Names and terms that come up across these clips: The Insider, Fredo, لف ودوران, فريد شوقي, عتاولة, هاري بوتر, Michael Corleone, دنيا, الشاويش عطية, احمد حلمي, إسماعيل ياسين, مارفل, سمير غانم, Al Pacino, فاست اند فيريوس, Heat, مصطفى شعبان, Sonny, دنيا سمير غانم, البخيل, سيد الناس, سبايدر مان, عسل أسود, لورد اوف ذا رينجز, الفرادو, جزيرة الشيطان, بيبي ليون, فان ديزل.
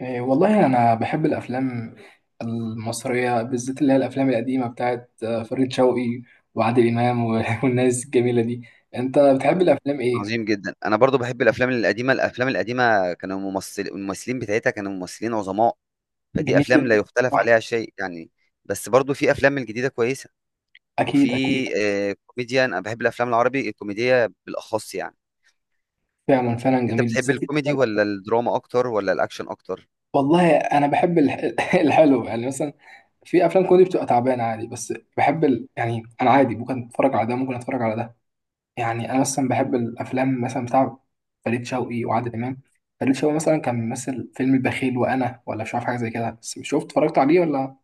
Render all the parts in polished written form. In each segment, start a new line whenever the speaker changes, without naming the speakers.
إيه والله أنا بحب الأفلام المصرية بالذات اللي هي الأفلام القديمة بتاعت فريد شوقي وعادل إمام والناس الجميلة دي. أنت بتحب الأفلام إيه؟
عظيم جدا. انا برضو بحب الافلام القديمه. كانوا الممثلين بتاعتها كانوا ممثلين عظماء، فدي
جميل
افلام لا
جدا.
يختلف
صح.
عليها شيء يعني. بس برضو في افلام الجديده كويسه، وفي
أكيد، أكيد.
كوميديا. انا بحب الافلام العربي الكوميديه بالاخص يعني.
فعلا، فعلا،
انت
جميل
بتحب
بالذات
الكوميدي
الكوميدي.
ولا الدراما اكتر ولا الاكشن اكتر؟
والله أنا بحب الحلو، يعني مثلا في أفلام كوميدي بتبقى تعبانة عادي، بس بحب يعني أنا عادي، ممكن أتفرج على ده ممكن أتفرج على ده. يعني انا اصلا بحب الافلام مثلا بتاع فريد شوقي وعادل امام. فريد شوقي مثلا كان ممثل فيلم البخيل وانا، ولا مش عارف حاجه زي كده، بس شفت اتفرجت عليه ولا.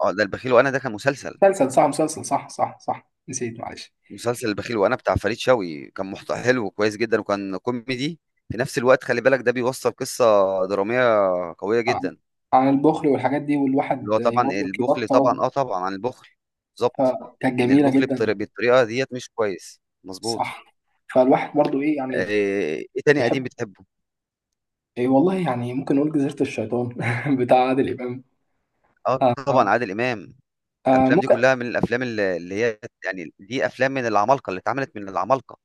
اه، ده البخيل وانا ده كان مسلسل.
مسلسل صح، مسلسل صح، صح، صح، نسيت معلش.
مسلسل البخيل وانا بتاع فريد شوقي كان محتوى حلو وكويس جدا، وكان كوميدي في نفس الوقت. خلي بالك ده بيوصل قصه دراميه قويه
آه.
جدا.
عن البخل والحاجات دي،
اللي هو
والواحد
طبعا
برضه
البخل، طبعا
يبطل.
اه طبعا عن البخل بالظبط.
فكانت
ان
جميله
البخل
جدا.
بالطريقه ديت مش كويس، مظبوط.
صح. فالواحد برضه ايه
آه،
يعني.
ايه تاني
بيحب.
قديم بتحبه؟
إيه والله، يعني ممكن نقول جزيره الشيطان بتاع عادل امام.
اه
آه.
طبعا
آه.
عادل امام.
آه.
الافلام دي
ممكن.
كلها من الافلام اللي هي يعني دي افلام من العمالقه، اللي اتعملت من العمالقه.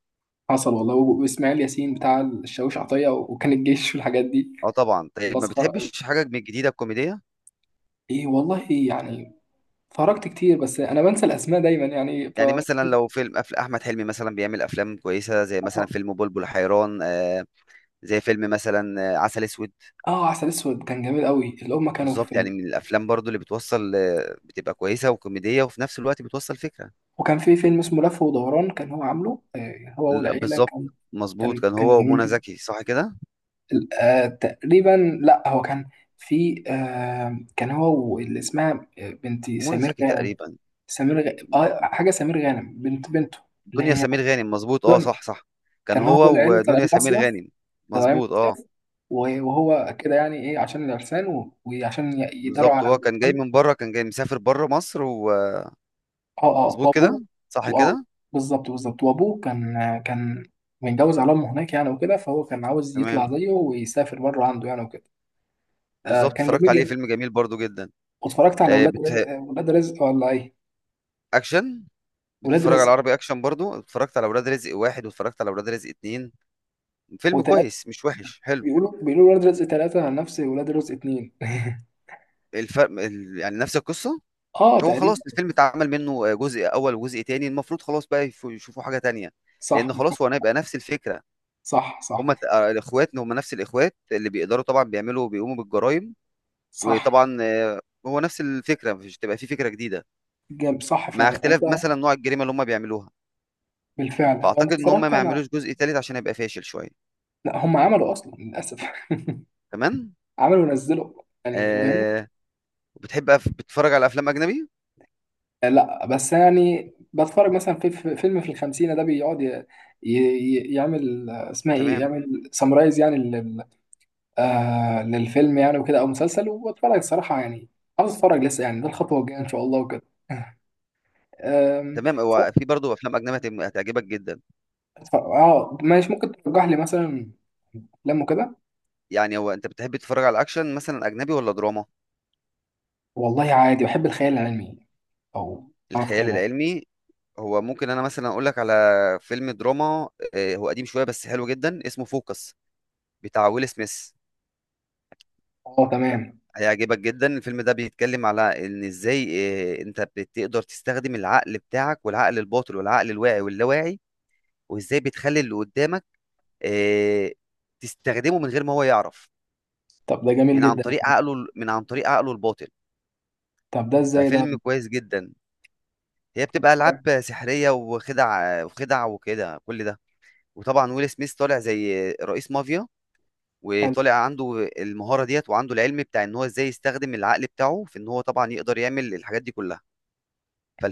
حصل والله، واسماعيل ياسين بتاع الشاويش عطيه، وكان الجيش والحاجات دي.
اه طبعا. طيب ما
مسخرة أوي.
بتحبش حاجه من الجديده الكوميديه؟
إيه والله يعني. اتفرجت كتير، بس أنا بنسى الأسماء دايما يعني ف.
يعني مثلا لو فيلم احمد حلمي مثلا بيعمل افلام كويسه، زي مثلا
آه.
فيلم بلبل حيران، آه، زي فيلم مثلا عسل اسود.
آه، عسل أسود كان جميل أوي، اللي هما كانوا في.
بالظبط، يعني من الافلام برضو اللي بتوصل، بتبقى كويسه وكوميديه وفي نفس الوقت بتوصل فكره.
وكان في فيلم اسمه لف ودوران، كان هو عامله هو والعيلة
بالظبط
كان.
مظبوط،
كان
كان
كان
هو
جميل
ومنى
جدا.
زكي صح كده؟
آه تقريبا، لأ هو كان. في كان هو واللي اسمها بنت
منى
سمير
زكي
غانم.
تقريبا.
حاجة سمير غانم، بنت بنته. اللي
دنيا
هي
سمير غانم مظبوط، اه
دنيا.
صح صح. كان
كان هو
هو
والعيلة طالعين
ودنيا سمير
مصيف.
غانم،
تمام.
مظبوط اه.
مصيف. وهو كده يعني ايه، عشان العرسان وعشان يداروا
بالظبط
على
هو كان جاي
المحمد.
من بره، كان جاي مسافر بره مصر، ومظبوط
اه، اه،
كده،
وابوه.
صح
واه.
كده.
بالظبط، بالظبط، وابوه كان متجوز على امه هناك يعني، وكده فهو كان عاوز
تمام
يطلع زيه ويسافر بره عنده يعني وكده. آه،
بالظبط.
كان
اتفرجت
جميل
عليه،
جدا.
فيلم جميل برضو جدا.
واتفرجت على
آه، بت...
ولاد رزق ولا ايه.
اكشن.
ولاد
بتتفرج على
رزق.
عربي اكشن؟ برضو اتفرجت على ولاد رزق واحد واتفرجت على ولاد رزق اتنين. فيلم
وتلاتة.
كويس مش وحش، حلو.
بيقولوا ولاد رزق ثلاثة نفس ولاد رزق اتنين
الفرق يعني نفس القصة.
اه
هو
تقريبا.
خلاص الفيلم اتعمل منه جزء أول وجزء تاني، المفروض خلاص بقى يشوفوا حاجة تانية،
صح،
لأن خلاص هو هيبقى نفس الفكرة.
صح. صح،
هما ت- آه، الإخوات هما نفس الإخوات اللي بيقدروا طبعا بيعملوا، بيقوموا بالجرائم.
صح،
وطبعا هو نفس الفكرة، مش تبقى في فكرة جديدة،
جامد، صح
مع
فعلا انت.
اختلاف مثلا نوع الجريمة اللي هما بيعملوها.
بالفعل، هو انت
فأعتقد إن هما
اتفرجت
ما
على.
يعملوش جزء تالت عشان هيبقى فاشل شوية.
لا، هم عملوا اصلا للاسف.
تمام.
عملوا ونزلوا. يعني فاهمني.
آه بتحب بتتفرج على أفلام أجنبي؟
لا، بس يعني بتفرج مثلا فيلم في الخمسينة ده بيقعد يعمل اسمها ايه،
تمام.
يعمل سمرايز يعني لل للفيلم، يعني وكده او مسلسل، وبتفرج الصراحة يعني. عاوز اتفرج لسه يعني، ده الخطوة الجاية ان شاء الله وكده. آم،
تمام، هو
صراحة.
في برضه أفلام أجنبي هتعجبك جدا.
اه، ماشي، ممكن ترجح لي مثلا افلام وكده.
يعني هو انت بتحب تتفرج على اكشن مثلا اجنبي ولا دراما؟
والله عادي بحب الخيال العلمي، او اعرف
الخيال
خيال علمي.
العلمي، هو ممكن انا مثلا اقول لك على فيلم دراما، هو قديم شويه بس حلو جدا، اسمه فوكس، بتاع ويل سميث.
اه، تمام.
هيعجبك جدا. الفيلم ده بيتكلم على ان ازاي انت بتقدر تستخدم العقل بتاعك، والعقل الباطن والعقل الواعي واللاواعي، وازاي بتخلي اللي قدامك آه، تستخدمه من غير ما هو يعرف،
طب ده جميل
عن
جدا.
طريق عقله، عن طريق عقله الباطن.
طب ده ازاي ده.
ففيلم كويس جدا. هي بتبقى
حلو.
العاب سحريه، وخدع وكده كل ده. وطبعا ويل سميث طالع زي رئيس مافيا، وطالع عنده المهاره ديت، وعنده العلم بتاع ان هو ازاي يستخدم العقل بتاعه في ان هو طبعا يقدر يعمل الحاجات دي كلها.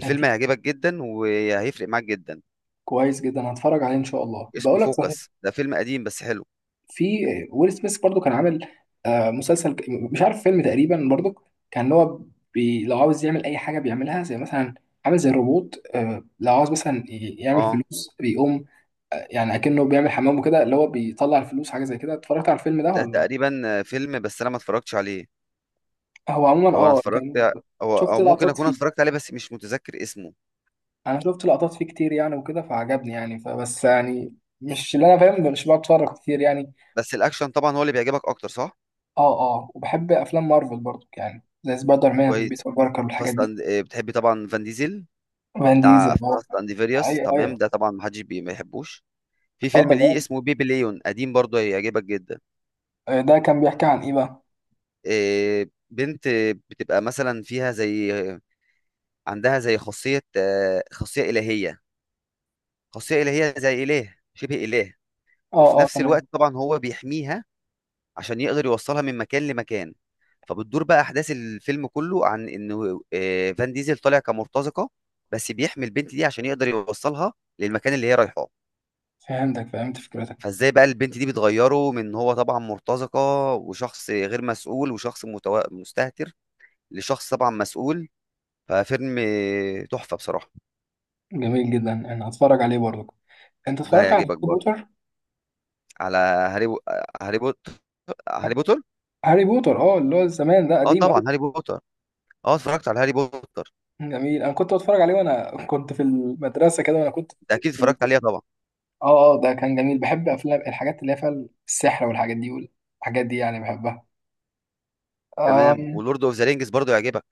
كان في.
هيعجبك جدا، وهيفرق معاك جدا.
كويس جدا، هتفرج عليه ان شاء الله،
اسمه
بقول لك صحيح.
فوكس، ده فيلم قديم بس حلو.
في ويل سميث برضو كان عامل مسلسل مش عارف، فيلم تقريبا برضو. كان هو لو عاوز يعمل اي حاجه بيعملها، زي مثلا عامل زي الروبوت لو عاوز مثلا يعمل
اه
فلوس بيقوم يعني اكنه بيعمل حمام وكده، اللي هو بيطلع الفلوس، حاجه زي كده، اتفرجت على الفيلم ده
ده
ولا.
تقريبا فيلم بس انا ما اتفرجتش عليه.
هو عموما
هو انا
اه
اتفرجت،
كان.
او
شفت
او ممكن
لقطات
اكون
فيه.
اتفرجت عليه بس مش متذكر اسمه.
انا شفت لقطات فيه كتير يعني وكده، فعجبني يعني، فبس يعني. مش اللي انا فاهم، مش بتفرج كتير يعني.
بس الاكشن طبعا هو اللي بيعجبك اكتر، صح؟
اه، اه، وبحب افلام مارفل برضو يعني، زي سبايدر مان،
كويس.
بيتر باركر والحاجات دي.
فاصلا بتحبي طبعا فان ديزل،
فان ديزل،
بتاع
اه.
فاست اند فيريوس،
ايوه،
تمام.
ايوه.
ده طبعا محدش ما يحبوش. في
اه،
فيلم
ده
ليه
جامد.
اسمه بيبي ليون، قديم برضه، هيعجبك جدا.
آه، ده كان بيحكي عن ايه بقى.
بنت بتبقى مثلا فيها زي، عندها زي خاصية، آه، خاصية إلهية، زي إله، شبه إله.
اه،
وفي
اه،
نفس الوقت
تمام.
طبعا هو بيحميها، عشان يقدر يوصلها من مكان لمكان. فبتدور بقى أحداث الفيلم كله عن إنه فان ديزل طالع كمرتزقة، بس بيحمي البنت دي عشان يقدر يوصلها للمكان اللي هي رايحاه.
فهمتك، فهمت فكرتك.
فازاي بقى البنت دي بتغيره من هو طبعا مرتزقة وشخص غير مسؤول وشخص مستهتر، لشخص طبعا مسؤول. ففيلم تحفة بصراحة.
جميل جدا، انا هتفرج عليه برضو. انت
ده
اتفرجت على هاري
هيعجبك برضه.
بوتر.
على هاري بو... هاري بوتر هاري بوتر؟
هاري بوتر، اه، اللي هو زمان، ده
اه
قديم قوي.
طبعا هاري بوتر، اه اتفرجت على هاري بوتر.
جميل، انا كنت بتفرج عليه وانا كنت في المدرسه كده، وانا كنت
انت اكيد اتفرجت عليها طبعا.
اه، اه، ده كان جميل، بحب افلام الحاجات اللي هي فيها السحر والحاجات دي والحاجات دي يعني بحبها.
تمام،
أم...
ولورد اوف ذا رينجز برضه يعجبك.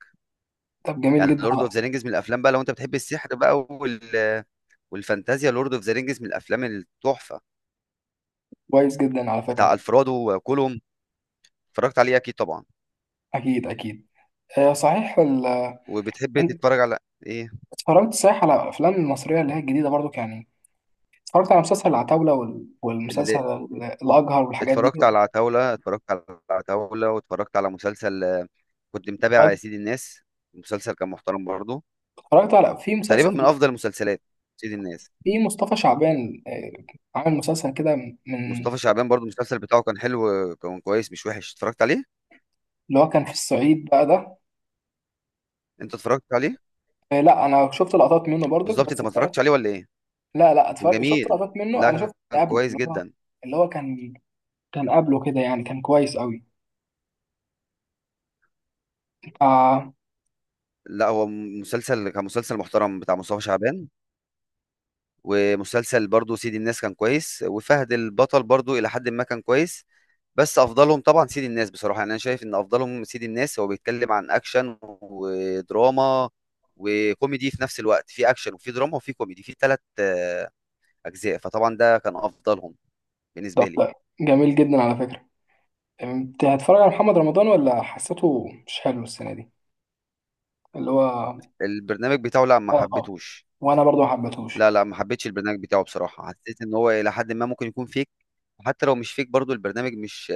طب جميل
يعني
جدا
لورد اوف ذا رينجز من الافلام بقى، لو انت بتحب السحر بقى والفانتازيا، لورد اوف ذا رينجز من الافلام التحفة،
كويس جدا على
بتاع
فكره.
الفرادو وكولوم. اتفرجت عليه اكيد طبعا.
اكيد، اكيد. صحيح
وبتحب
انت
تتفرج على ايه؟
اتفرجت صحيح على الافلام المصريه اللي هي الجديده برضو يعني. اتفرجت على مسلسل العتاوله والمسلسل
اللي
الاجهر والحاجات دي.
اتفرجت على عتاولة، اتفرجت على عتاولة، واتفرجت على مسلسل كنت متابع سيد الناس. المسلسل كان محترم برضه،
اتفرجت على في
تقريبا
مسلسل
من افضل المسلسلات، سيد الناس.
في مصطفى شعبان عامل مسلسل كده من
مصطفى شعبان برضه المسلسل بتاعه كان حلو، كان كويس مش وحش، اتفرجت عليه.
اللي هو كان في الصعيد بقى ده.
انت اتفرجت عليه؟
آه، لا، انا شفت لقطات منه برضو
بالظبط، انت
بس
ما
اتفرجت.
اتفرجتش عليه ولا ايه؟
لا، لا،
كان
اتفرجت، شفت
جميل،
لقطات منه،
لا
انا شفت
كان
اللي قبله
كويس
اللي هو.
جدا.
اللي هو كان كان قبله كده يعني، كان كويس قوي. آه.
لا هو مسلسل، كان مسلسل محترم بتاع مصطفى شعبان. ومسلسل برضو سيد الناس كان كويس، وفهد البطل برضو إلى حد ما كان كويس. بس أفضلهم طبعا سيد الناس بصراحة، يعني أنا شايف إن أفضلهم سيد الناس. هو بيتكلم عن أكشن ودراما وكوميدي في نفس الوقت، في أكشن وفي دراما وفي كوميدي في ثلاث أجزاء. فطبعا ده كان أفضلهم
ده
بالنسبة لي.
جميل جدا على فكره. انت هتتفرج على محمد رمضان، ولا حسيته مش حلو السنه دي اللي هو. اه.
البرنامج بتاعه لا ما
اه،
حبيتهوش.
وانا برضو ما حبيتهوش.
لا ما حبيتش البرنامج بتاعه بصراحة. حسيت إن هو إلى حد ما ممكن يكون فيك، وحتى لو مش فيك برضو البرنامج مش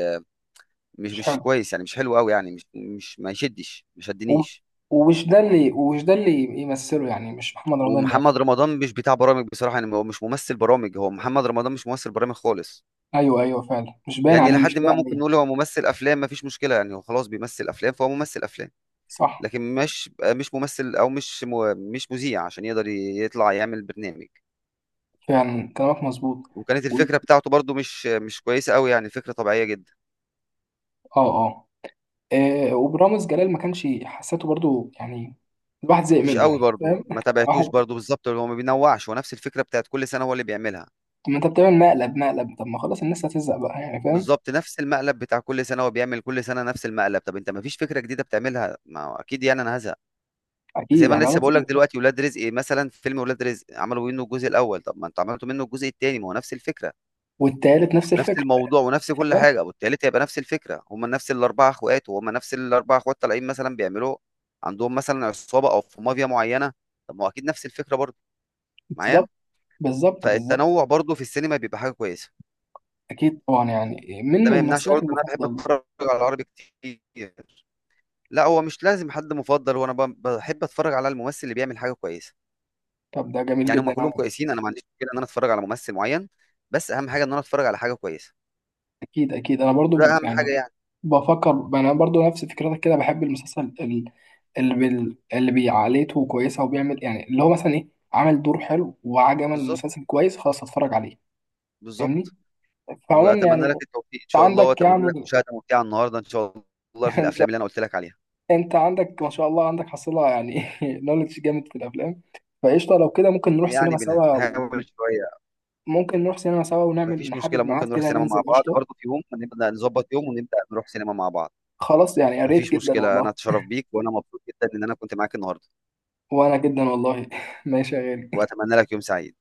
مش
مش
مش
حلو.
كويس يعني، مش حلو قوي يعني، مش ما يشدش، ما
و-
شدنيش.
ومش ده اللي يمثله يعني، مش محمد رمضان اللي يعمله.
ومحمد رمضان مش بتاع برامج بصراحة، يعني هو مش ممثل برامج. هو محمد رمضان مش ممثل برامج خالص،
ايوه، ايوه، فعلا، مش باين
يعني
عليه، مش
لحد ما
لاقي
ممكن
عليه.
نقول هو ممثل أفلام مفيش مشكلة، يعني هو خلاص بيمثل أفلام فهو ممثل أفلام.
صح،
لكن مش ممثل، أو مش مش مذيع عشان يقدر يطلع يعمل برنامج.
فعلا كلامك مظبوط.
وكانت
و-
الفكرة بتاعته برضو مش كويسة قوي، يعني فكرة طبيعية جدا.
اه، اه، وبرامز جلال ما كانش حسيته برضو يعني، الواحد زهق
مش
منه
قوي
يعني
برضو،
فاهم.
ما تابعتوش
واحد.
برضو. بالظبط، هو ما بينوعش، هو نفس الفكرة بتاعت كل سنة هو اللي بيعملها.
ما انت بتعمل مقلب مقلب، طب ما خلاص الناس هتزهق بقى يعني فاهم.
بالظبط، نفس المقلب بتاع كل سنة، هو بيعمل كل سنة نفس المقلب. طب انت ما فيش فكرة جديدة بتعملها؟ ما هو اكيد يعني انا هزهق. زي
اكيد
ما انا
يعني
لسه
عملت.
بقول لك دلوقتي ولاد رزق مثلا، فيلم ولاد رزق عملوا منه الجزء الاول، طب ما انتوا عملتوا منه الجزء الثاني ما هو نفس الفكره،
والتالت نفس
نفس
الفكره.
الموضوع ونفس كل
تخيل.
حاجه. والتالت هيبقى نفس الفكره، هم نفس الاربعه اخوات، وهم نفس الاربعه اخوات طالعين مثلا بيعملوا عندهم مثلا عصابه او في مافيا معينه. طب ما هو اكيد نفس الفكره برضه معايا.
بالظبط. بالظبط، بالظبط.
فالتنوع برضه في السينما بيبقى حاجه كويسه.
اكيد طبعا، يعني من
ده ما يمنعش
ممثلك
برضه ان انا بحب
المفضل.
اتفرج على العربي كتير. لا هو مش لازم حد مفضل، وانا بحب اتفرج على الممثل اللي بيعمل حاجه كويسه.
طب ده جميل
يعني هم
جدا
كلهم
يعني.
كويسين، انا ما عنديش مشكله ان انا اتفرج على ممثل معين، بس اهم حاجه ان انا اتفرج على حاجه كويسه،
اكيد، اكيد، انا
ده
برضو
اهم
يعني
حاجه يعني.
بفكر، انا برضو نفس فكرتك كده، بحب المسلسل اللي اللي بيعاليته كويسه، وبيعمل يعني اللي هو مثلا ايه، عمل دور حلو وعجبني
بالظبط
المسلسل كويس، خلاص اتفرج عليه. فاهمني.
بالظبط.
فعموما يعني،
واتمنى لك التوفيق ان
انت
شاء الله،
عندك
واتمنى لك
يعني
مشاهده ممتعه النهارده ان شاء الله في
ان
الافلام
شاء.
اللي انا قلت لك عليها.
انت عندك ما شاء الله عندك حصيله يعني نولج جامد في الافلام. فقشطه لو كده ممكن نروح
يعني
سينما سوا.
بنحاول شويه.
ممكن نروح سينما سوا، ونعمل
مفيش
نحدد
مشكله،
ميعاد
ممكن نروح
كده،
سينما مع
ننزل
بعض
قشطة.
برضه، في يوم نبدا نظبط يوم ونبدا نروح سينما مع بعض.
خلاص يعني يا ريت
مفيش
جدا
مشكله، انا
والله.
اتشرف بيك، وانا مبسوط جدا ان انا كنت معاك النهارده،
وأنا جدا والله ماشي يا غالي.
واتمنى لك يوم سعيد.